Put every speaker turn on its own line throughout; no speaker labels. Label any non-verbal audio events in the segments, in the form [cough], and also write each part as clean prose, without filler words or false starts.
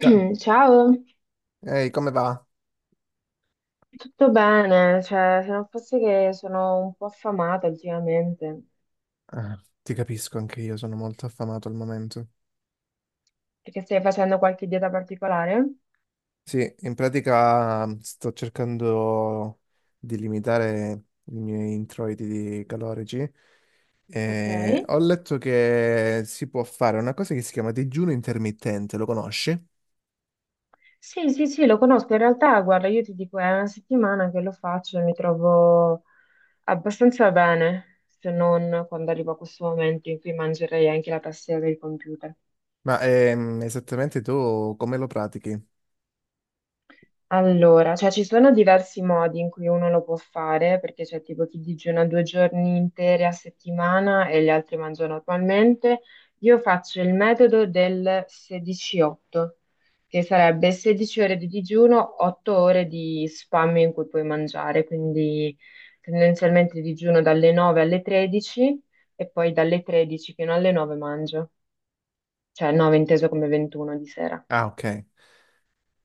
Cioè,
Ciao,
ehi, come va?
tutto bene? Cioè, se non fosse che sono un po' affamata ultimamente,
Ah, ti capisco, anche io sono molto affamato al momento.
perché stai facendo qualche dieta particolare?
Sì, in pratica sto cercando di limitare i miei introiti di calorici.
Ok.
E ho letto che si può fare una cosa che si chiama digiuno intermittente, lo conosci?
Sì, sì, sì, lo conosco. In realtà, guarda, io ti dico, è una settimana che lo faccio e mi trovo abbastanza bene, se non quando arrivo a questo momento in cui mangerei anche la tastiera del computer.
Ma esattamente tu come lo pratichi?
Allora, cioè ci sono diversi modi in cui uno lo può fare, perché c'è tipo chi digiuna due giorni interi a settimana e gli altri mangiano normalmente. Io faccio il metodo del 16-8, che sarebbe 16 ore di digiuno, 8 ore di spam in cui puoi mangiare, quindi tendenzialmente digiuno dalle 9 alle 13 e poi dalle 13 fino alle 9 mangio, cioè 9 inteso come 21 di sera.
Ah, ok.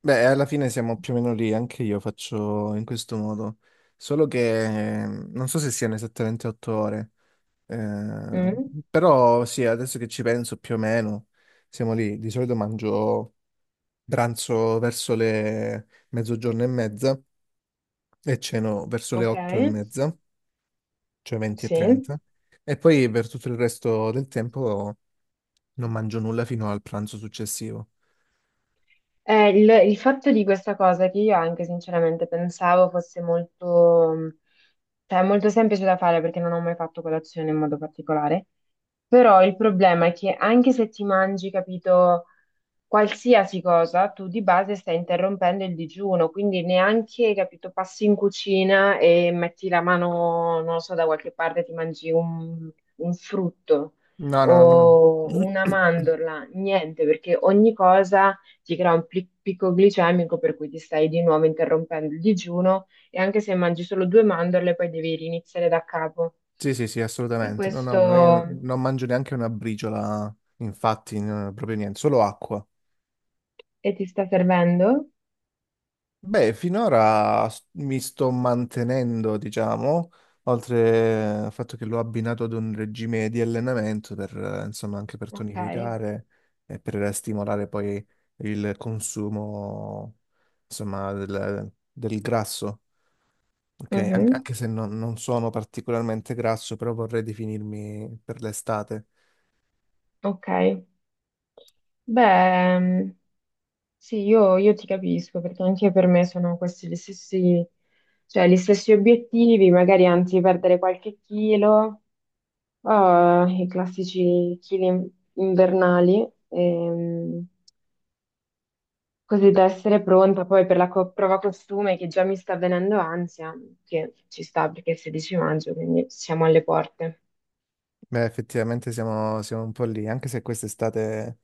Beh, alla fine siamo più o meno lì, anche io faccio in questo modo, solo che non so se siano esattamente 8 ore. Eh,
Mm,
Però sì, adesso che ci penso più o meno, siamo lì. Di solito mangio pranzo verso le mezzogiorno e mezza e ceno verso le
ok.
8:30, cioè 20 e
Sì.
30. E poi per tutto il resto del tempo non mangio nulla fino al pranzo successivo.
Il fatto di questa cosa che io anche sinceramente pensavo fosse molto, cioè, molto semplice da fare perché non ho mai fatto colazione in modo particolare, però il problema è che anche se ti mangi, capito, qualsiasi cosa, tu di base stai interrompendo il digiuno, quindi neanche, capito, passi in cucina e metti la mano, non lo so, da qualche parte e ti mangi un frutto
No, no, no, no.
o
No.
una
[clears throat]
mandorla, niente, perché ogni cosa ti crea un picco glicemico per cui ti stai di nuovo interrompendo il digiuno e anche se mangi solo due mandorle, poi devi riniziare da capo.
Sì, sì, sì,
E
assolutamente. No, no,
questo...
ma io non mangio neanche una briciola, infatti, no, proprio niente, solo acqua.
E ti sta servendo?
Beh, finora mi sto mantenendo, diciamo, oltre al fatto che l'ho abbinato ad un regime di allenamento per, insomma, anche per
Ok.
tonificare e per stimolare poi il consumo, insomma, del grasso. Ok,
Mhm.
anche se non sono particolarmente grasso, però vorrei definirmi per l'estate.
Ok. Beh, sì, io ti capisco perché anche per me sono questi gli stessi, cioè, gli stessi obiettivi, magari anzi perdere qualche chilo, o i classici invernali, così
Beh,
da essere pronta poi per la prova costume che già mi sta venendo ansia, che ci sta perché è il 16 maggio, quindi siamo alle porte.
beh, effettivamente siamo un po' lì, anche se quest'estate.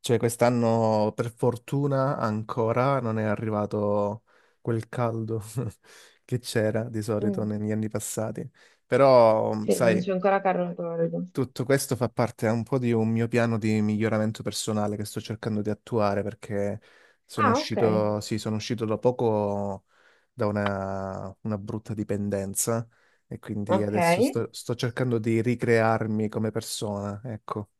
Cioè, quest'anno per fortuna ancora non è arrivato quel caldo [laughs] che c'era di solito
Mm.
negli anni passati. Però,
Sì, non
sai,
c'è ancora Carlo Tordo.
tutto questo fa parte un po' di un mio piano di miglioramento personale che sto cercando di attuare perché sono
Ah, ok,
uscito, sì, sono uscito da poco da una brutta dipendenza e quindi
ok.
adesso sto cercando di ricrearmi come persona, ecco.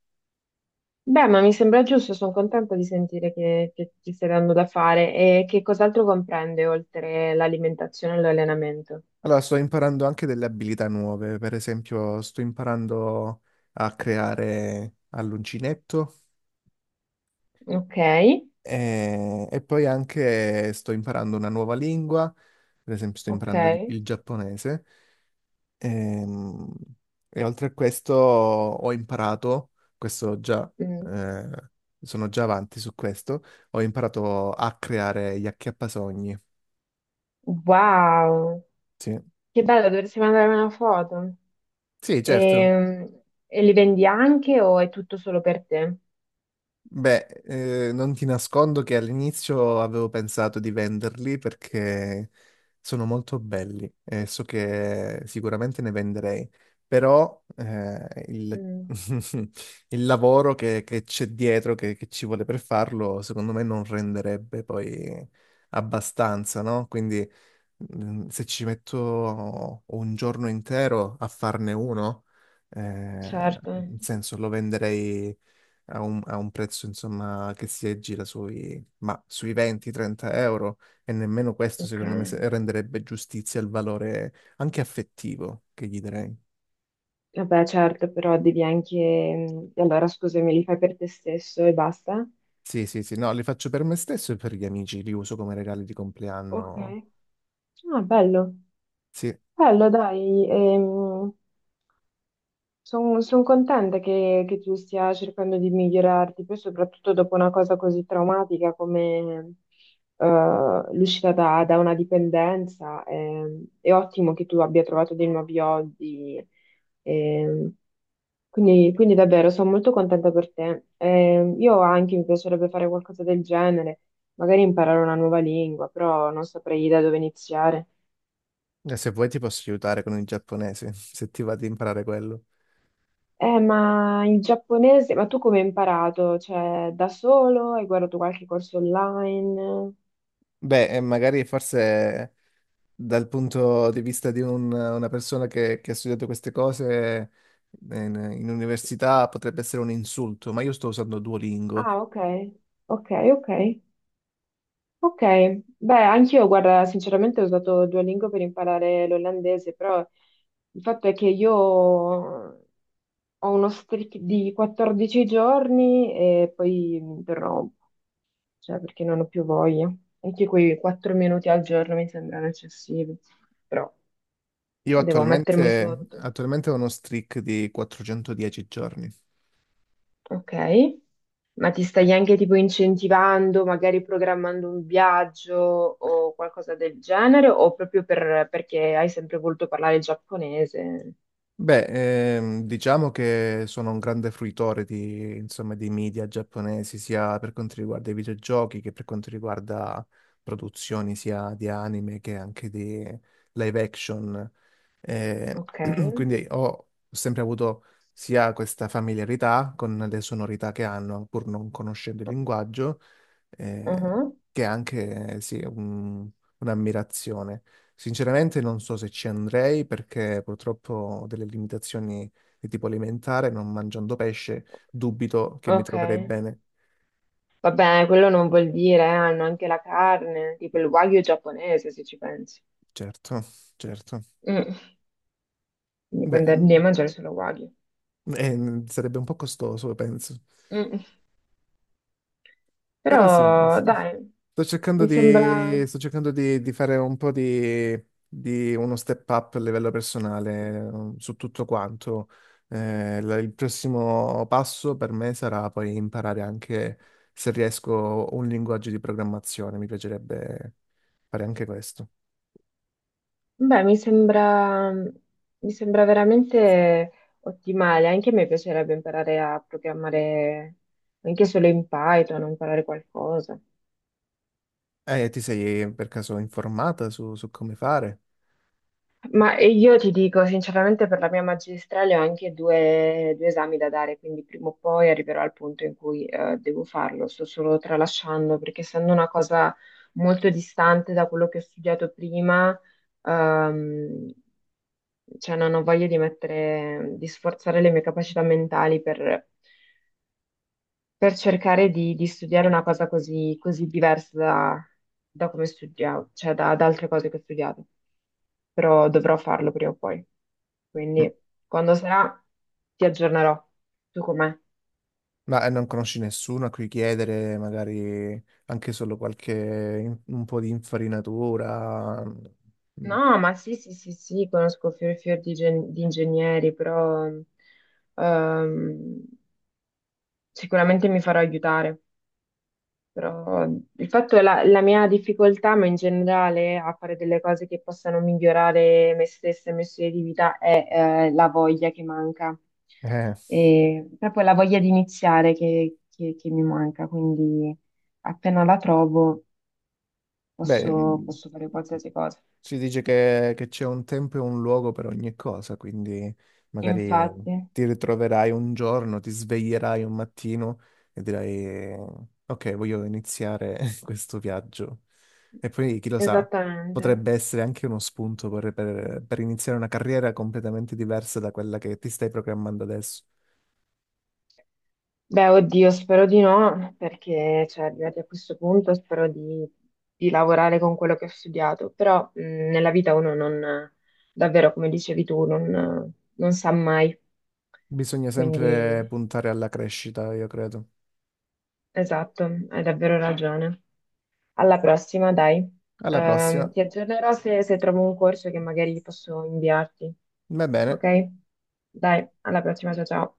Beh, ma mi sembra giusto, sono contenta di sentire che ti stai dando da fare e che cos'altro comprende oltre l'alimentazione e l'allenamento.
Allora, sto imparando anche delle abilità nuove, per esempio sto imparando a creare all'uncinetto
Ok,
e poi anche sto imparando una nuova lingua, per esempio sto
ok.
imparando il giapponese. Ehm, e, oltre a questo ho imparato, questo già,
Mm.
eh, sono già avanti su questo, ho imparato a creare gli acchiappasogni.
Wow,
Sì,
che bello, dovresti mandarmi una foto.
sì, certo.
E, e li vendi anche o è tutto solo per te?
Beh, non ti nascondo che all'inizio avevo pensato di venderli perché sono molto belli e so che sicuramente ne venderei, però
Mm,
[laughs] il lavoro che c'è dietro, che ci vuole per farlo, secondo me non renderebbe poi abbastanza, no? Quindi se ci metto un giorno intero a farne uno,
certo,
nel senso lo venderei a un prezzo insomma che si aggira ma sui 20-30 euro e nemmeno questo
ok.
secondo me renderebbe giustizia al valore anche affettivo che gli darei.
Vabbè, certo, però devi anche... mm, allora, scusami, li fai per te stesso e basta?
Sì, sì, sì, no, li faccio per me stesso e per gli amici, li uso come regali di
Ok.
compleanno.
Ah, bello,
Sì, e
bello, dai, sono contenta che tu stia cercando di migliorarti, poi soprattutto dopo una cosa così traumatica come l'uscita da, da una dipendenza. È ottimo che tu abbia trovato dei nuovi hobby. ehm, quindi, quindi davvero sono molto contenta per te. Io anche mi piacerebbe fare qualcosa del genere, magari imparare una nuova lingua, però non saprei da dove iniziare.
se vuoi ti posso aiutare con il giapponese, [laughs] se ti va di imparare quello.
Ma il giapponese, ma tu come hai imparato? Cioè, da solo? Hai guardato qualche corso online?
Beh, magari forse dal punto di vista di una persona che ha studiato queste cose in università potrebbe essere un insulto, ma io sto usando Duolingo.
Ah, ok, ok, ok, ok. Beh, anch'io, guarda, sinceramente ho usato Duolingo per imparare l'olandese, però il fatto è che io ho uno streak di 14 giorni e poi mi interrompo, cioè perché non ho più voglia. Anche quei 4 minuti al giorno mi sembrano eccessivi, però
Io
devo mettermi
attualmente,
sotto.
attualmente ho uno streak di 410 giorni.
Ok. Ma ti stai anche tipo incentivando, magari programmando un viaggio o qualcosa del genere, o proprio perché hai sempre voluto parlare giapponese?
Beh, diciamo che sono un grande fruitore di, insomma, dei media giapponesi, sia per quanto riguarda i videogiochi che per quanto riguarda produzioni sia di anime che anche di live action. Eh,
Ok.
[clears throat] quindi ho sempre avuto sia questa familiarità con le sonorità che hanno, pur non conoscendo il linguaggio, eh,
Mhm.
che anche, sì, un'ammirazione. Sinceramente non so se ci andrei perché purtroppo ho delle limitazioni di tipo alimentare, non mangiando pesce, dubito che mi
Ok.
troverei bene.
Vabbè, quello non vuol dire, hanno anche la carne, tipo il wagyu giapponese, se ci pensi.
Certo, certo.
Mm. Quindi puoi
Beh,
andare lì a mangiare solo wagyu.
sarebbe un po' costoso, penso.
Mm.
Però sì, sì,
Però,
sì.
dai,
sto cercando
mi sembra...
di, sto cercando di, di fare un po' di uno step up a livello personale su tutto quanto. Il prossimo passo per me sarà poi imparare anche, se riesco, un linguaggio di programmazione. Mi piacerebbe fare anche questo.
Beh, mi sembra veramente ottimale. Anche a me piacerebbe imparare a programmare anche solo in Python, o imparare qualcosa.
Ti sei per caso informata su come fare?
Ma io ti dico, sinceramente, per la mia magistrale ho anche due esami da dare, quindi prima o poi arriverò al punto in cui devo farlo. Sto solo tralasciando, perché essendo una cosa molto distante da quello che ho studiato prima, ehm, cioè non ho voglia di mettere, di sforzare le mie capacità mentali per cercare di studiare una cosa così, così diversa da, da come studiavo, cioè da, da altre cose che ho studiato, però dovrò farlo prima o poi.
Mm.
Quindi quando sarà ti aggiornerò. Tu com'è?
Ma non conosci nessuno a cui chiedere magari anche solo qualche un po' di infarinatura?
No, ma sì, sì, sì, sì, conosco fior e fior di, di ingegneri, però ehm, sicuramente mi farò aiutare. Però il fatto è la mia difficoltà, ma in generale a fare delle cose che possano migliorare me stessa e il mio stile di vita è la voglia che manca,
Eh,
e proprio la voglia di iniziare che, che mi manca, quindi appena la trovo posso,
beh,
posso fare qualsiasi cosa.
si dice che c'è un tempo e un luogo per ogni cosa, quindi magari
Infatti,
ti ritroverai un giorno, ti sveglierai un mattino e dirai, ok, voglio iniziare [laughs] questo viaggio. E poi, chi lo sa,
esattamente.
potrebbe essere anche uno spunto per, per iniziare una carriera completamente diversa da quella che ti stai programmando adesso.
Beh, oddio, spero di no, perché cioè, arrivati a questo punto spero di lavorare con quello che ho studiato, però nella vita uno non, davvero, come dicevi tu, non, non sa mai,
Bisogna sempre
quindi
puntare alla crescita, io credo.
esatto, hai davvero ragione. Alla prossima, dai.
Alla prossima.
Ti aggiornerò se, se trovo un corso che magari posso inviarti,
Va bene.
ok? Dai, alla prossima, ciao ciao.